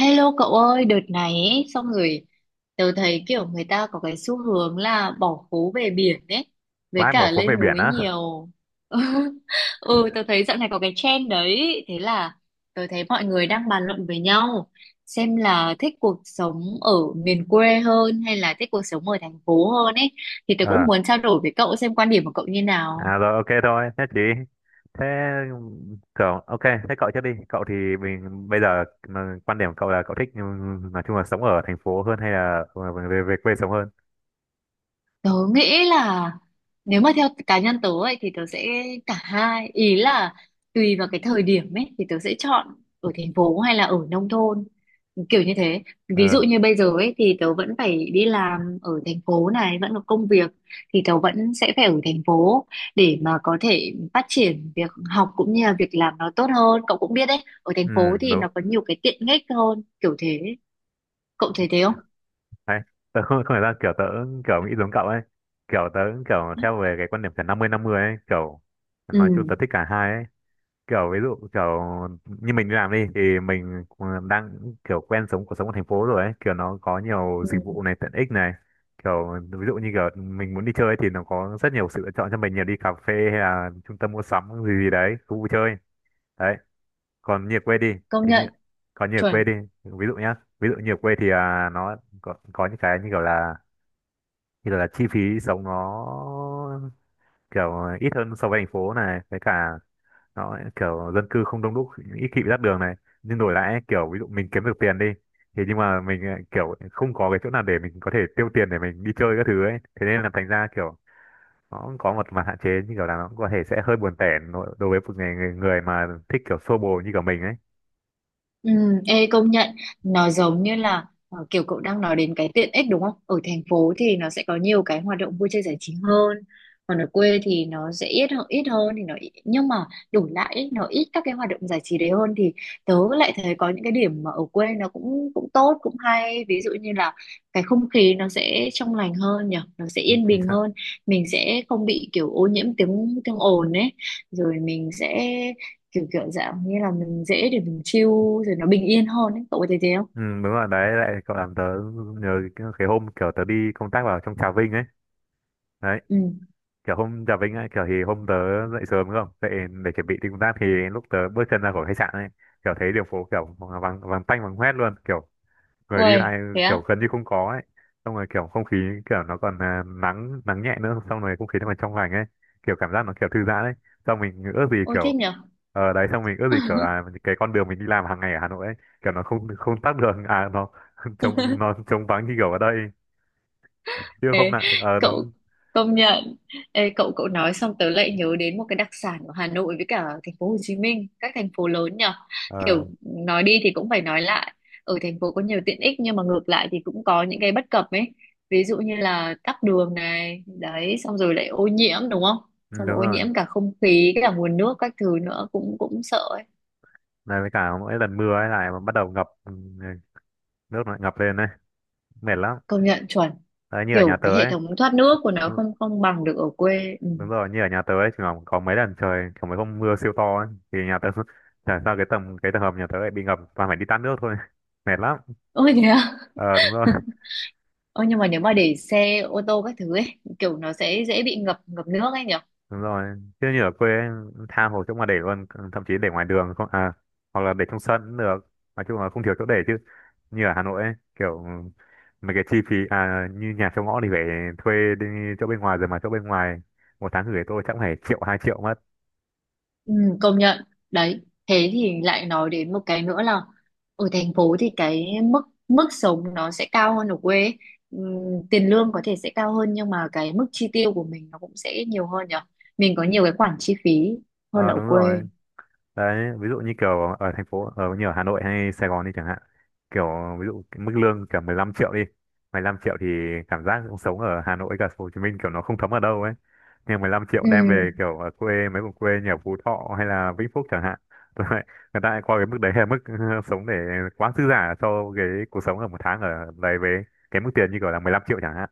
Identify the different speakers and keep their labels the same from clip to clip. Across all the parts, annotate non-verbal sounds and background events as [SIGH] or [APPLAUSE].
Speaker 1: Hello cậu ơi, đợt này ấy, xong rồi tớ thấy kiểu người ta có cái xu hướng là bỏ phố về biển ấy, với
Speaker 2: Vãi, bỏ
Speaker 1: cả
Speaker 2: phố về
Speaker 1: lên
Speaker 2: biển
Speaker 1: núi
Speaker 2: á.
Speaker 1: nhiều. [LAUGHS] Ừ, tớ thấy dạo này có cái trend đấy, thế là tớ thấy mọi người đang bàn luận với nhau xem là thích cuộc sống ở miền quê hơn hay là thích cuộc sống ở thành phố hơn ấy, thì tớ cũng
Speaker 2: Ờ
Speaker 1: muốn trao đổi với cậu xem quan điểm của cậu như nào.
Speaker 2: à rồi Ok thôi. Thế chị, thế cậu ok, thế cậu trước đi cậu. Thì mình bây giờ mà quan điểm của cậu là cậu thích, nói chung là sống ở thành phố hơn hay là về về quê sống hơn?
Speaker 1: Tớ nghĩ là nếu mà theo cá nhân tớ ấy, thì tớ sẽ cả hai ý là tùy vào cái thời điểm ấy thì tớ sẽ chọn ở thành phố hay là ở nông thôn kiểu như thế. Ví
Speaker 2: ờ
Speaker 1: dụ như bây giờ ấy thì tớ vẫn phải đi làm ở thành phố này, vẫn có công việc thì tớ vẫn sẽ phải ở thành phố để mà có thể phát triển việc học cũng như là việc làm nó tốt hơn. Cậu cũng biết đấy, ở thành
Speaker 2: ừ,
Speaker 1: phố thì
Speaker 2: đúng
Speaker 1: nó có nhiều cái tiện ích hơn kiểu thế. Cậu thấy thế không?
Speaker 2: đấy. Tớ không phải ra kiểu tớ kiểu nghĩ giống cậu ấy. Kiểu tớ kiểu theo về cái quan điểm kiểu năm mươi ấy, kiểu
Speaker 1: Ừ,
Speaker 2: nói chung tớ thích cả hai ấy. Kiểu ví dụ kiểu như mình đi làm đi thì mình cũng đang kiểu quen sống cuộc sống ở thành phố rồi ấy, kiểu nó có nhiều
Speaker 1: ừ,
Speaker 2: dịch vụ này, tiện ích này. Kiểu ví dụ như kiểu mình muốn đi chơi ấy thì nó có rất nhiều sự lựa chọn cho mình, nhiều đi cà phê hay là trung tâm mua sắm gì gì đấy, khu vui chơi. Đấy, còn như ở quê đi
Speaker 1: công
Speaker 2: thì như,
Speaker 1: nhận,
Speaker 2: còn như ở quê
Speaker 1: chuẩn.
Speaker 2: đi ví dụ nhá, ví dụ như ở quê thì à, nó có những cái như kiểu là chi phí sống nó kiểu ít hơn so với thành phố này, với cả đó kiểu dân cư không đông đúc, ít khi bị tắc đường này. Nhưng đổi lại ấy, kiểu ví dụ mình kiếm được tiền đi thì nhưng mà mình kiểu không có cái chỗ nào để mình có thể tiêu tiền để mình đi chơi các thứ ấy, thế nên là thành ra kiểu nó cũng có một mặt hạn chế, như kiểu là nó cũng có thể sẽ hơi buồn tẻ đối với một người người mà thích kiểu xô bồ như kiểu mình ấy.
Speaker 1: Ừ, ê công nhận, nó giống như là kiểu cậu đang nói đến cái tiện ích đúng không? Ở thành phố thì nó sẽ có nhiều cái hoạt động vui chơi giải trí hơn, còn ở quê thì nó sẽ ít hơn, nhưng mà đổi lại ý, nó ít các cái hoạt động giải trí đấy hơn thì tớ lại thấy có những cái điểm mà ở quê nó cũng cũng tốt cũng hay. Ví dụ như là cái không khí nó sẽ trong lành hơn nhỉ, nó sẽ
Speaker 2: Ừ,
Speaker 1: yên
Speaker 2: chính
Speaker 1: bình
Speaker 2: xác.
Speaker 1: hơn, mình sẽ không bị kiểu ô nhiễm tiếng tiếng ồn ấy, rồi mình sẽ kiểu kiểu dạng như là mình dễ để mình chill, rồi nó bình yên hơn ấy. Cậu có thấy thế không?
Speaker 2: Ừ, đúng rồi đấy, lại cậu làm tớ nhớ cái hôm kiểu tớ đi công tác vào trong Trà Vinh ấy. Đấy,
Speaker 1: Ừ,
Speaker 2: kiểu hôm chào Vinh ấy, kiểu thì hôm tớ dậy sớm đúng không, dậy để chuẩn bị đi công tác, thì lúc tớ bước chân ra khỏi khách sạn ấy, kiểu thấy đường phố kiểu vắng, vắng tanh vắng hoét luôn, kiểu người đi
Speaker 1: ôi
Speaker 2: lại
Speaker 1: thế
Speaker 2: kiểu
Speaker 1: á,
Speaker 2: gần như không có ấy. Xong rồi kiểu không khí kiểu nó còn à, nắng, nắng nhẹ nữa, xong rồi không khí nó còn trong lành ấy, kiểu cảm giác nó kiểu thư giãn ấy. Xong mình ước gì
Speaker 1: ôi thế
Speaker 2: kiểu
Speaker 1: nhở.
Speaker 2: ở đấy, xong mình ước gì kiểu
Speaker 1: [LAUGHS]
Speaker 2: là cái con đường mình đi làm hàng ngày ở Hà Nội ấy kiểu nó không không tắc đường, à nó [LAUGHS] trống, nó trống vắng như kiểu ở đây, chứ hôm
Speaker 1: Ê,
Speaker 2: nào
Speaker 1: cậu
Speaker 2: đúng.
Speaker 1: công nhận. Ê, cậu cậu nói xong tớ lại nhớ đến một cái đặc sản của Hà Nội với cả thành phố Hồ Chí Minh, các thành phố lớn nhở.
Speaker 2: ờ
Speaker 1: Kiểu nói đi thì cũng phải nói lại, ở thành phố có nhiều tiện ích nhưng mà ngược lại thì cũng có những cái bất cập ấy. Ví dụ như là tắc đường này đấy, xong rồi lại ô nhiễm đúng không,
Speaker 2: ừ,
Speaker 1: xong rồi
Speaker 2: đúng
Speaker 1: ô
Speaker 2: rồi.
Speaker 1: nhiễm cả không khí cả nguồn nước các thứ nữa, cũng cũng sợ.
Speaker 2: Này với cả mỗi lần mưa ấy lại mà bắt đầu ngập, nước nó lại ngập lên đấy, mệt lắm.
Speaker 1: Công nhận, chuẩn.
Speaker 2: Đấy, như ở nhà
Speaker 1: Kiểu
Speaker 2: tớ
Speaker 1: cái hệ
Speaker 2: ấy.
Speaker 1: thống thoát nước của nó
Speaker 2: Đúng,
Speaker 1: không không bằng được ở quê ừ.
Speaker 2: đúng rồi, như ở nhà tớ ấy, có mấy lần trời, có mấy hôm mưa siêu to ấy thì nhà tớ [LAUGHS] chả sao, cái tầng, cái tầng hầm nhà tớ lại bị ngập, toàn phải đi tát nước thôi. [LAUGHS] Mệt lắm.
Speaker 1: Ôi thế à.
Speaker 2: ờ đúng rồi
Speaker 1: Ôi nhưng mà nếu mà để xe ô tô các thứ ấy, kiểu nó sẽ dễ bị ngập ngập nước ấy nhỉ.
Speaker 2: Đúng rồi, chứ như ở quê ấy, tha hồ chỗ mà để luôn, thậm chí để ngoài đường không à, hoặc là để trong sân cũng được, nói chung là không thiếu chỗ để. Chứ như ở Hà Nội ấy, kiểu mấy cái chi phí à, như nhà trong ngõ thì phải thuê đi chỗ bên ngoài, rồi mà chỗ bên ngoài một tháng gửi tôi chắc phải triệu, hai triệu mất.
Speaker 1: Ừ, công nhận đấy. Thế thì lại nói đến một cái nữa là ở thành phố thì cái mức mức sống nó sẽ cao hơn ở quê ấy. Ừ, tiền lương có thể sẽ cao hơn nhưng mà cái mức chi tiêu của mình nó cũng sẽ nhiều hơn nhỉ, mình có nhiều cái khoản chi phí hơn là
Speaker 2: Ờ
Speaker 1: ở
Speaker 2: Đúng
Speaker 1: quê.
Speaker 2: rồi, đấy ví dụ như kiểu ở thành phố, ở như ở Hà Nội hay Sài Gòn đi chẳng hạn, kiểu ví dụ cái mức lương cả 15 triệu đi, 15 triệu thì cảm giác cũng sống ở Hà Nội cả Hồ Chí Minh kiểu nó không thấm ở đâu ấy. Nhưng 15 triệu đem
Speaker 1: Ừ.
Speaker 2: về kiểu ở quê, mấy vùng quê như ở Phú Thọ hay là Vĩnh Phúc chẳng hạn, [LAUGHS] tôi lại người ta lại coi cái mức đấy là mức [LAUGHS] sống để quá dư giả cho cái cuộc sống ở một tháng ở đấy, với cái mức tiền như kiểu là 15 triệu chẳng hạn.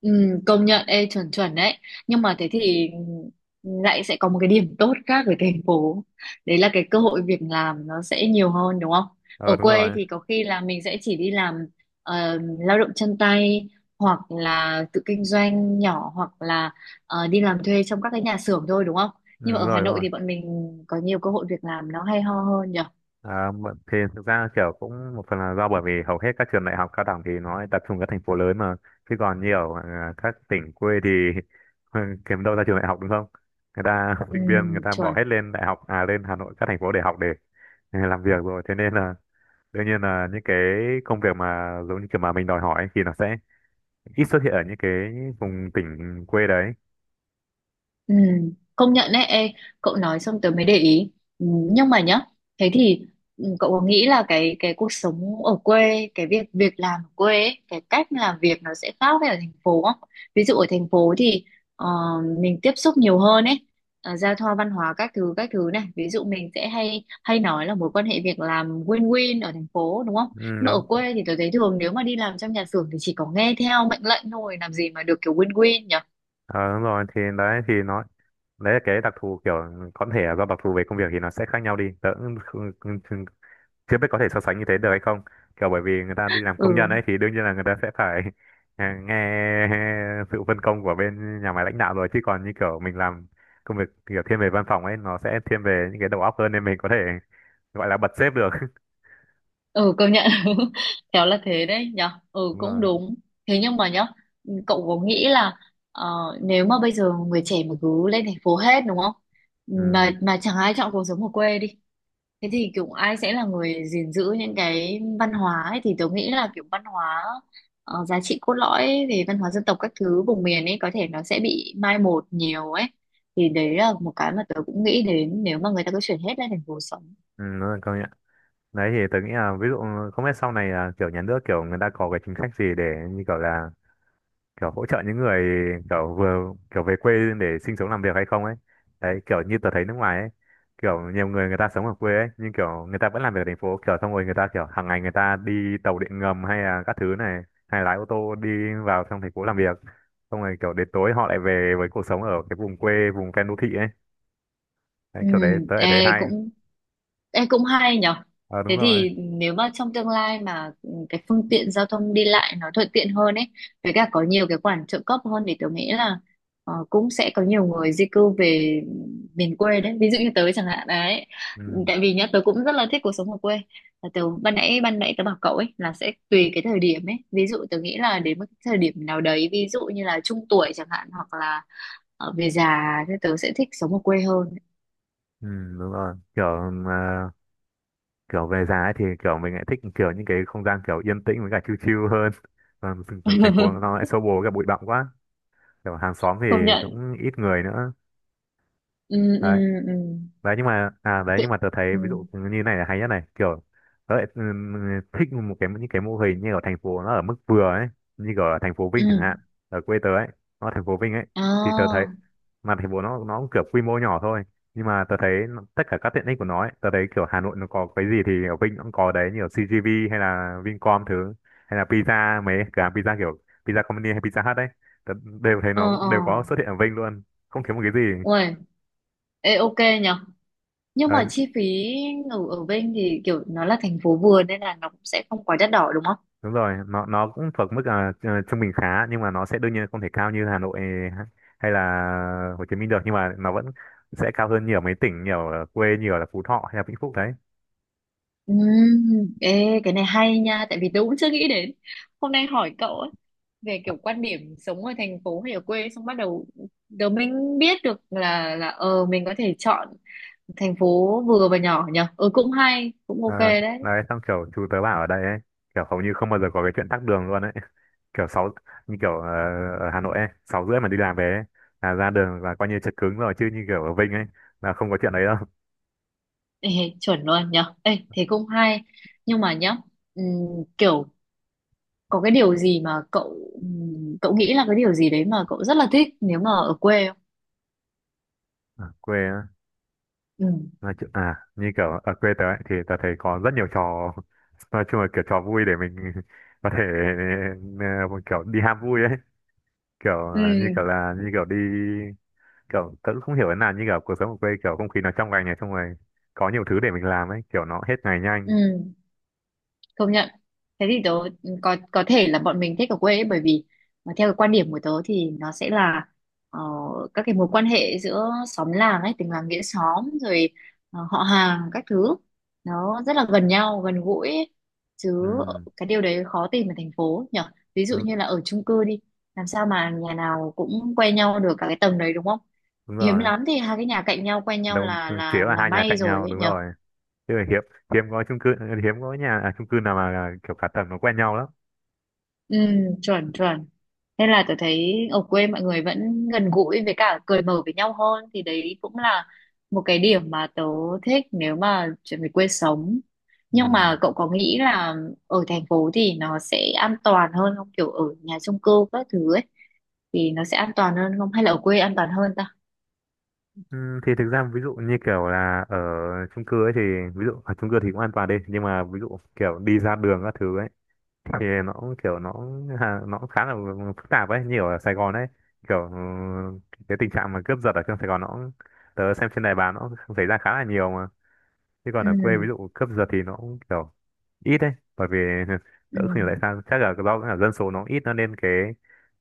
Speaker 1: Ừ, công nhận, ê, chuẩn chuẩn đấy. Nhưng mà thế thì lại sẽ có một cái điểm tốt khác với thành phố, đấy là cái cơ hội việc làm nó sẽ nhiều hơn đúng không.
Speaker 2: Ờ
Speaker 1: Ở
Speaker 2: đúng
Speaker 1: quê
Speaker 2: rồi.
Speaker 1: thì có khi là mình sẽ chỉ đi làm lao động chân tay hoặc là tự kinh doanh nhỏ hoặc là đi làm thuê trong các cái nhà xưởng thôi đúng không.
Speaker 2: ừ,
Speaker 1: Nhưng mà
Speaker 2: đúng
Speaker 1: ở Hà
Speaker 2: rồi đúng
Speaker 1: Nội
Speaker 2: rồi
Speaker 1: thì bọn mình có nhiều cơ hội việc làm nó hay ho hơn nhỉ.
Speaker 2: À, thì thực ra kiểu cũng một phần là do bởi vì hầu hết các trường đại học cao đẳng thì nó tập trung ở các thành phố lớn mà, chứ còn nhiều à, các tỉnh quê thì [LAUGHS] kiếm đâu ra trường đại học đúng không. Người ta [LAUGHS]
Speaker 1: Ừ,
Speaker 2: sinh viên người ta bỏ
Speaker 1: chuẩn.
Speaker 2: hết lên đại học, à lên Hà Nội, các thành phố để học, để [LAUGHS] để làm việc rồi, thế nên là đương nhiên là những cái công việc mà giống như kiểu mà mình đòi hỏi ấy, thì nó sẽ ít xuất hiện ở những cái vùng tỉnh quê đấy.
Speaker 1: Ừ, công nhận đấy, ê, cậu nói xong tớ mới để ý. Ừ, nhưng mà nhá, thế thì ừ, cậu có nghĩ là cái cuộc sống ở quê, cái việc việc làm ở quê ấy, cái cách làm việc nó sẽ khác với ở thành phố không? Ví dụ ở thành phố thì ờ, mình tiếp xúc nhiều hơn ấy, giao thoa văn hóa các thứ này. Ví dụ mình sẽ hay hay nói là mối quan hệ việc làm win-win ở thành phố đúng không?
Speaker 2: Ừ,
Speaker 1: Nhưng mà ở
Speaker 2: đúng.
Speaker 1: quê thì tớ thấy thường nếu mà đi làm trong nhà xưởng thì chỉ có nghe theo mệnh lệnh thôi, làm gì mà được kiểu win-win nhỉ?
Speaker 2: Ờ, đúng rồi, thì đấy thì nó, đấy là cái đặc thù, kiểu có thể do đặc thù về công việc thì nó sẽ khác nhau đi, tớ cũng chưa biết có thể so sánh như thế được hay không, kiểu bởi vì người ta đi làm công nhân
Speaker 1: Ừ.
Speaker 2: ấy thì đương nhiên là người ta sẽ phải [LAUGHS] nghe sự phân công của bên nhà máy, lãnh đạo rồi, chứ còn như kiểu mình làm công việc kiểu thiên về văn phòng ấy nó sẽ thiên về những cái đầu óc hơn, nên mình có thể gọi là bật sếp được. [LAUGHS]
Speaker 1: Ừ, công nhận. [LAUGHS] Khéo là thế đấy nhở, ừ
Speaker 2: Đúng
Speaker 1: cũng
Speaker 2: rồi.
Speaker 1: đúng. Thế nhưng mà nhá, cậu có nghĩ là ờ, nếu mà bây giờ người trẻ mà cứ lên thành phố hết đúng không, mà
Speaker 2: ừ
Speaker 1: chẳng ai chọn cuộc sống ở quê đi, thế thì kiểu ai sẽ là người gìn giữ những cái văn hóa ấy. Thì tớ nghĩ là kiểu văn hóa, giá trị cốt lõi về văn hóa dân tộc các thứ vùng miền ấy, có thể nó sẽ bị mai một nhiều ấy. Thì đấy là một cái mà tớ cũng nghĩ đến nếu mà người ta cứ chuyển hết lên thành phố sống.
Speaker 2: ừ Đúng rồi, công nhận. Đấy thì tớ nghĩ là ví dụ không biết sau này là kiểu nhà nước, kiểu người ta có cái chính sách gì để như kiểu là kiểu hỗ trợ những người kiểu vừa kiểu về quê để sinh sống, làm việc hay không ấy. Đấy, kiểu như tớ thấy nước ngoài ấy, kiểu nhiều người, người ta sống ở quê ấy, nhưng kiểu người ta vẫn làm việc ở thành phố, kiểu xong rồi người ta kiểu hàng ngày người ta đi tàu điện ngầm hay là các thứ này, hay lái ô tô đi vào trong thành phố làm việc, xong rồi kiểu đến tối họ lại về với cuộc sống ở cái vùng quê, vùng ven đô thị ấy. Đấy
Speaker 1: Ừ,
Speaker 2: kiểu đấy tớ lại thấy
Speaker 1: ê,
Speaker 2: hay.
Speaker 1: cũng. Ê, cũng hay nhở.
Speaker 2: Ờ đúng
Speaker 1: Thế
Speaker 2: rồi.
Speaker 1: thì nếu mà trong tương lai mà ừ, cái phương tiện giao thông đi lại nó thuận tiện hơn ấy, với cả có nhiều cái khoản trợ cấp hơn thì tớ nghĩ là cũng sẽ có nhiều người di cư về miền quê đấy, ví dụ như tớ chẳng hạn đấy.
Speaker 2: ừ,
Speaker 1: Tại vì nhá, tớ cũng rất là thích cuộc sống ở quê. Là tớ ban nãy tớ bảo cậu ấy là sẽ tùy cái thời điểm ấy. Ví dụ tớ nghĩ là đến một cái thời điểm nào đấy, ví dụ như là trung tuổi chẳng hạn hoặc là về già thì tớ sẽ thích sống ở quê hơn.
Speaker 2: ừ Đúng rồi, kiểu kiểu về giá ấy thì kiểu mình lại thích kiểu những cái không gian kiểu yên tĩnh với cả chill chill hơn, còn thành thành phố nó lại
Speaker 1: [LAUGHS]
Speaker 2: xô bồ với cả bụi bặm quá, kiểu hàng xóm thì
Speaker 1: Công nhận.
Speaker 2: cũng ít người nữa.
Speaker 1: Ừ, ừ,
Speaker 2: Đấy,
Speaker 1: ừ.
Speaker 2: đấy nhưng mà à, đấy nhưng
Speaker 1: tự-
Speaker 2: mà tớ thấy ví
Speaker 1: ừ,
Speaker 2: dụ như này là hay nhất này, kiểu tớ lại thích một cái những cái mô hình như ở thành phố nó ở mức vừa ấy, như kiểu ở thành phố
Speaker 1: ừ,
Speaker 2: Vinh chẳng hạn, ở quê tớ ấy, nó ở thành phố Vinh ấy, thì tớ thấy
Speaker 1: à,
Speaker 2: mà thành phố nó cũng kiểu quy mô nhỏ thôi, nhưng mà tớ thấy tất cả các tiện ích của nó ấy, tớ thấy kiểu Hà Nội nó có cái gì thì ở Vinh nó cũng có đấy, như ở CGV hay là Vincom thứ, hay là pizza, mấy cửa hàng pizza kiểu pizza company hay pizza hut đấy, tớ đều thấy
Speaker 1: ờ,
Speaker 2: nó
Speaker 1: ờ,
Speaker 2: đều có xuất hiện ở Vinh luôn, không thiếu một cái gì.
Speaker 1: ui, ê, ok, nhở. Nhưng
Speaker 2: Đấy,
Speaker 1: mà chi phí ở ở bên thì kiểu nó là thành phố vừa nên là nó cũng sẽ không quá đắt đỏ đúng không.
Speaker 2: đúng rồi, nó cũng thuộc mức à, ờ, trung bình khá, nhưng mà nó sẽ đương nhiên không thể cao như Hà Nội, ha- hay là Hồ Chí Minh được, nhưng mà nó vẫn sẽ cao hơn nhiều mấy tỉnh, nhiều ở quê, nhiều là Phú Thọ hay là Vĩnh Phúc đấy.
Speaker 1: Ừ. Ê, cái này hay nha, tại vì tôi cũng chưa nghĩ đến. Hôm nay hỏi cậu ấy về kiểu quan điểm sống ở thành phố hay ở quê, xong bắt đầu đầu mình biết được là ờ mình có thể chọn thành phố vừa và nhỏ nhở. Ừ, cũng hay, cũng
Speaker 2: Ờ,
Speaker 1: ok đấy.
Speaker 2: đấy xong kiểu chú tớ bảo ở đây ấy, kiểu hầu như không bao giờ có cái chuyện tắc đường luôn ấy, kiểu sáu, như kiểu ở Hà Nội ấy sáu rưỡi mà đi làm về ấy, là ra đường là coi như chật cứng rồi, chứ như kiểu ở Vinh ấy là không có chuyện đấy đâu.
Speaker 1: Ê, chuẩn luôn nhở. Ê, thế cũng hay. Nhưng mà nhá, ừm, kiểu có cái điều gì mà cậu cậu nghĩ là cái điều gì đấy mà cậu rất là thích nếu mà ở quê không.
Speaker 2: Ở quê, nói chung à như kiểu ở quê tớ ấy, thì tớ thấy có rất nhiều trò, nói chung là kiểu trò vui để mình [LAUGHS] có thể ờ, kiểu đi ham vui ấy, kiểu ờ, như
Speaker 1: Ừ.
Speaker 2: kiểu là như kiểu đi kiểu tớ cũng không hiểu thế nào, như kiểu cuộc sống ở quê kiểu không khí nó trong lành này, xong rồi có nhiều thứ để mình làm ấy, kiểu nó hết ngày nhanh.
Speaker 1: Ừ, công nhận. Thế thì tớ ừ, có thể là bọn mình thích ở quê ấy, bởi vì mà theo cái quan điểm của tớ thì nó sẽ là ờ, các cái mối quan hệ giữa xóm làng ấy, tình làng nghĩa xóm rồi họ hàng các thứ, nó rất là gần nhau gần gũi ấy.
Speaker 2: Ừ,
Speaker 1: Chứ cái điều đấy khó tìm ở thành phố nhở. Ví dụ
Speaker 2: đúng,
Speaker 1: như là ở chung cư đi, làm sao mà nhà nào cũng quen nhau được cả cái tầng đấy đúng không.
Speaker 2: đúng
Speaker 1: Hiếm
Speaker 2: rồi.
Speaker 1: lắm thì hai cái nhà cạnh nhau quen nhau
Speaker 2: Đâu,
Speaker 1: là
Speaker 2: chỉ
Speaker 1: là
Speaker 2: là
Speaker 1: là
Speaker 2: hai nhà
Speaker 1: may
Speaker 2: cạnh
Speaker 1: rồi
Speaker 2: nhau,
Speaker 1: ấy
Speaker 2: đúng
Speaker 1: nhở.
Speaker 2: rồi, chứ hiếm, hiếm có chung cư, hiếm có nhà à, chung cư nào mà kiểu cả tầng nó quen nhau lắm.
Speaker 1: Ừ, chuẩn chuẩn. Nên là tôi thấy ở quê mọi người vẫn gần gũi với cả cười mở với nhau hơn, thì đấy cũng là một cái điểm mà tớ thích nếu mà chuyển về quê sống. Nhưng
Speaker 2: Ừ.
Speaker 1: mà cậu có nghĩ là ở thành phố thì nó sẽ an toàn hơn không, kiểu ở nhà chung cư các thứ ấy thì nó sẽ an toàn hơn không, hay là ở quê an toàn hơn ta.
Speaker 2: Ừ, thì thực ra ví dụ như kiểu là ở chung cư ấy thì ví dụ ở chung cư thì cũng an toàn đi, nhưng mà ví dụ kiểu đi ra đường các thứ ấy thì nó cũng kiểu nó nó cũng khá là phức tạp ấy, như kiểu ở Sài Gòn ấy, kiểu cái tình trạng mà cướp giật ở trong Sài Gòn nó cũng, tớ xem trên đài báo nó cũng xảy ra khá là nhiều mà. Chứ còn ở quê ví
Speaker 1: Ừ,
Speaker 2: dụ cướp giật thì nó cũng kiểu ít đấy, bởi vì [LAUGHS]
Speaker 1: ừ,
Speaker 2: tớ không hiểu tại sao, chắc là do là dân số nó ít, nó nên cái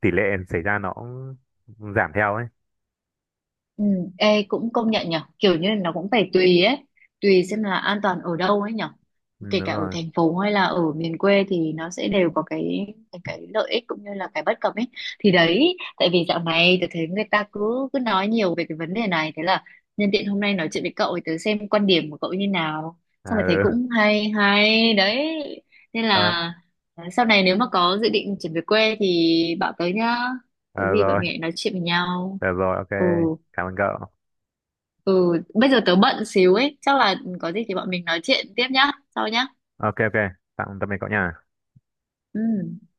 Speaker 2: tỷ lệ xảy ra nó cũng giảm theo ấy.
Speaker 1: ừ. Ê, cũng công nhận nhở, kiểu như nó cũng phải tùy ấy, tùy xem là an toàn ở đâu ấy nhở.
Speaker 2: Ừ,
Speaker 1: Kể
Speaker 2: đúng
Speaker 1: cả ở
Speaker 2: rồi.
Speaker 1: thành phố hay là ở miền quê thì nó sẽ đều có cái cái lợi ích cũng như là cái bất cập ấy. Thì đấy tại vì dạo này tôi thấy người ta cứ cứ nói nhiều về cái vấn đề này, thế là nhân tiện hôm nay nói chuyện với cậu thì tớ xem quan điểm của cậu như nào,
Speaker 2: À,
Speaker 1: xong rồi thấy
Speaker 2: ừ.
Speaker 1: cũng hay hay đấy. Nên
Speaker 2: [LAUGHS] Ờ.
Speaker 1: là sau này nếu mà có dự định chuyển về quê thì bảo tới nhá, có
Speaker 2: Ờ
Speaker 1: gì bọn
Speaker 2: rồi,
Speaker 1: mình lại nói chuyện với nhau.
Speaker 2: được rồi, ok.
Speaker 1: Ừ.
Speaker 2: Cảm ơn cậu.
Speaker 1: Ừ, bây giờ tớ bận xíu ấy, chắc là có gì thì bọn mình nói chuyện tiếp nhá, sau nhá.
Speaker 2: Ok, ok. Tạm Tạm biệt cậu nha.
Speaker 1: Ừ.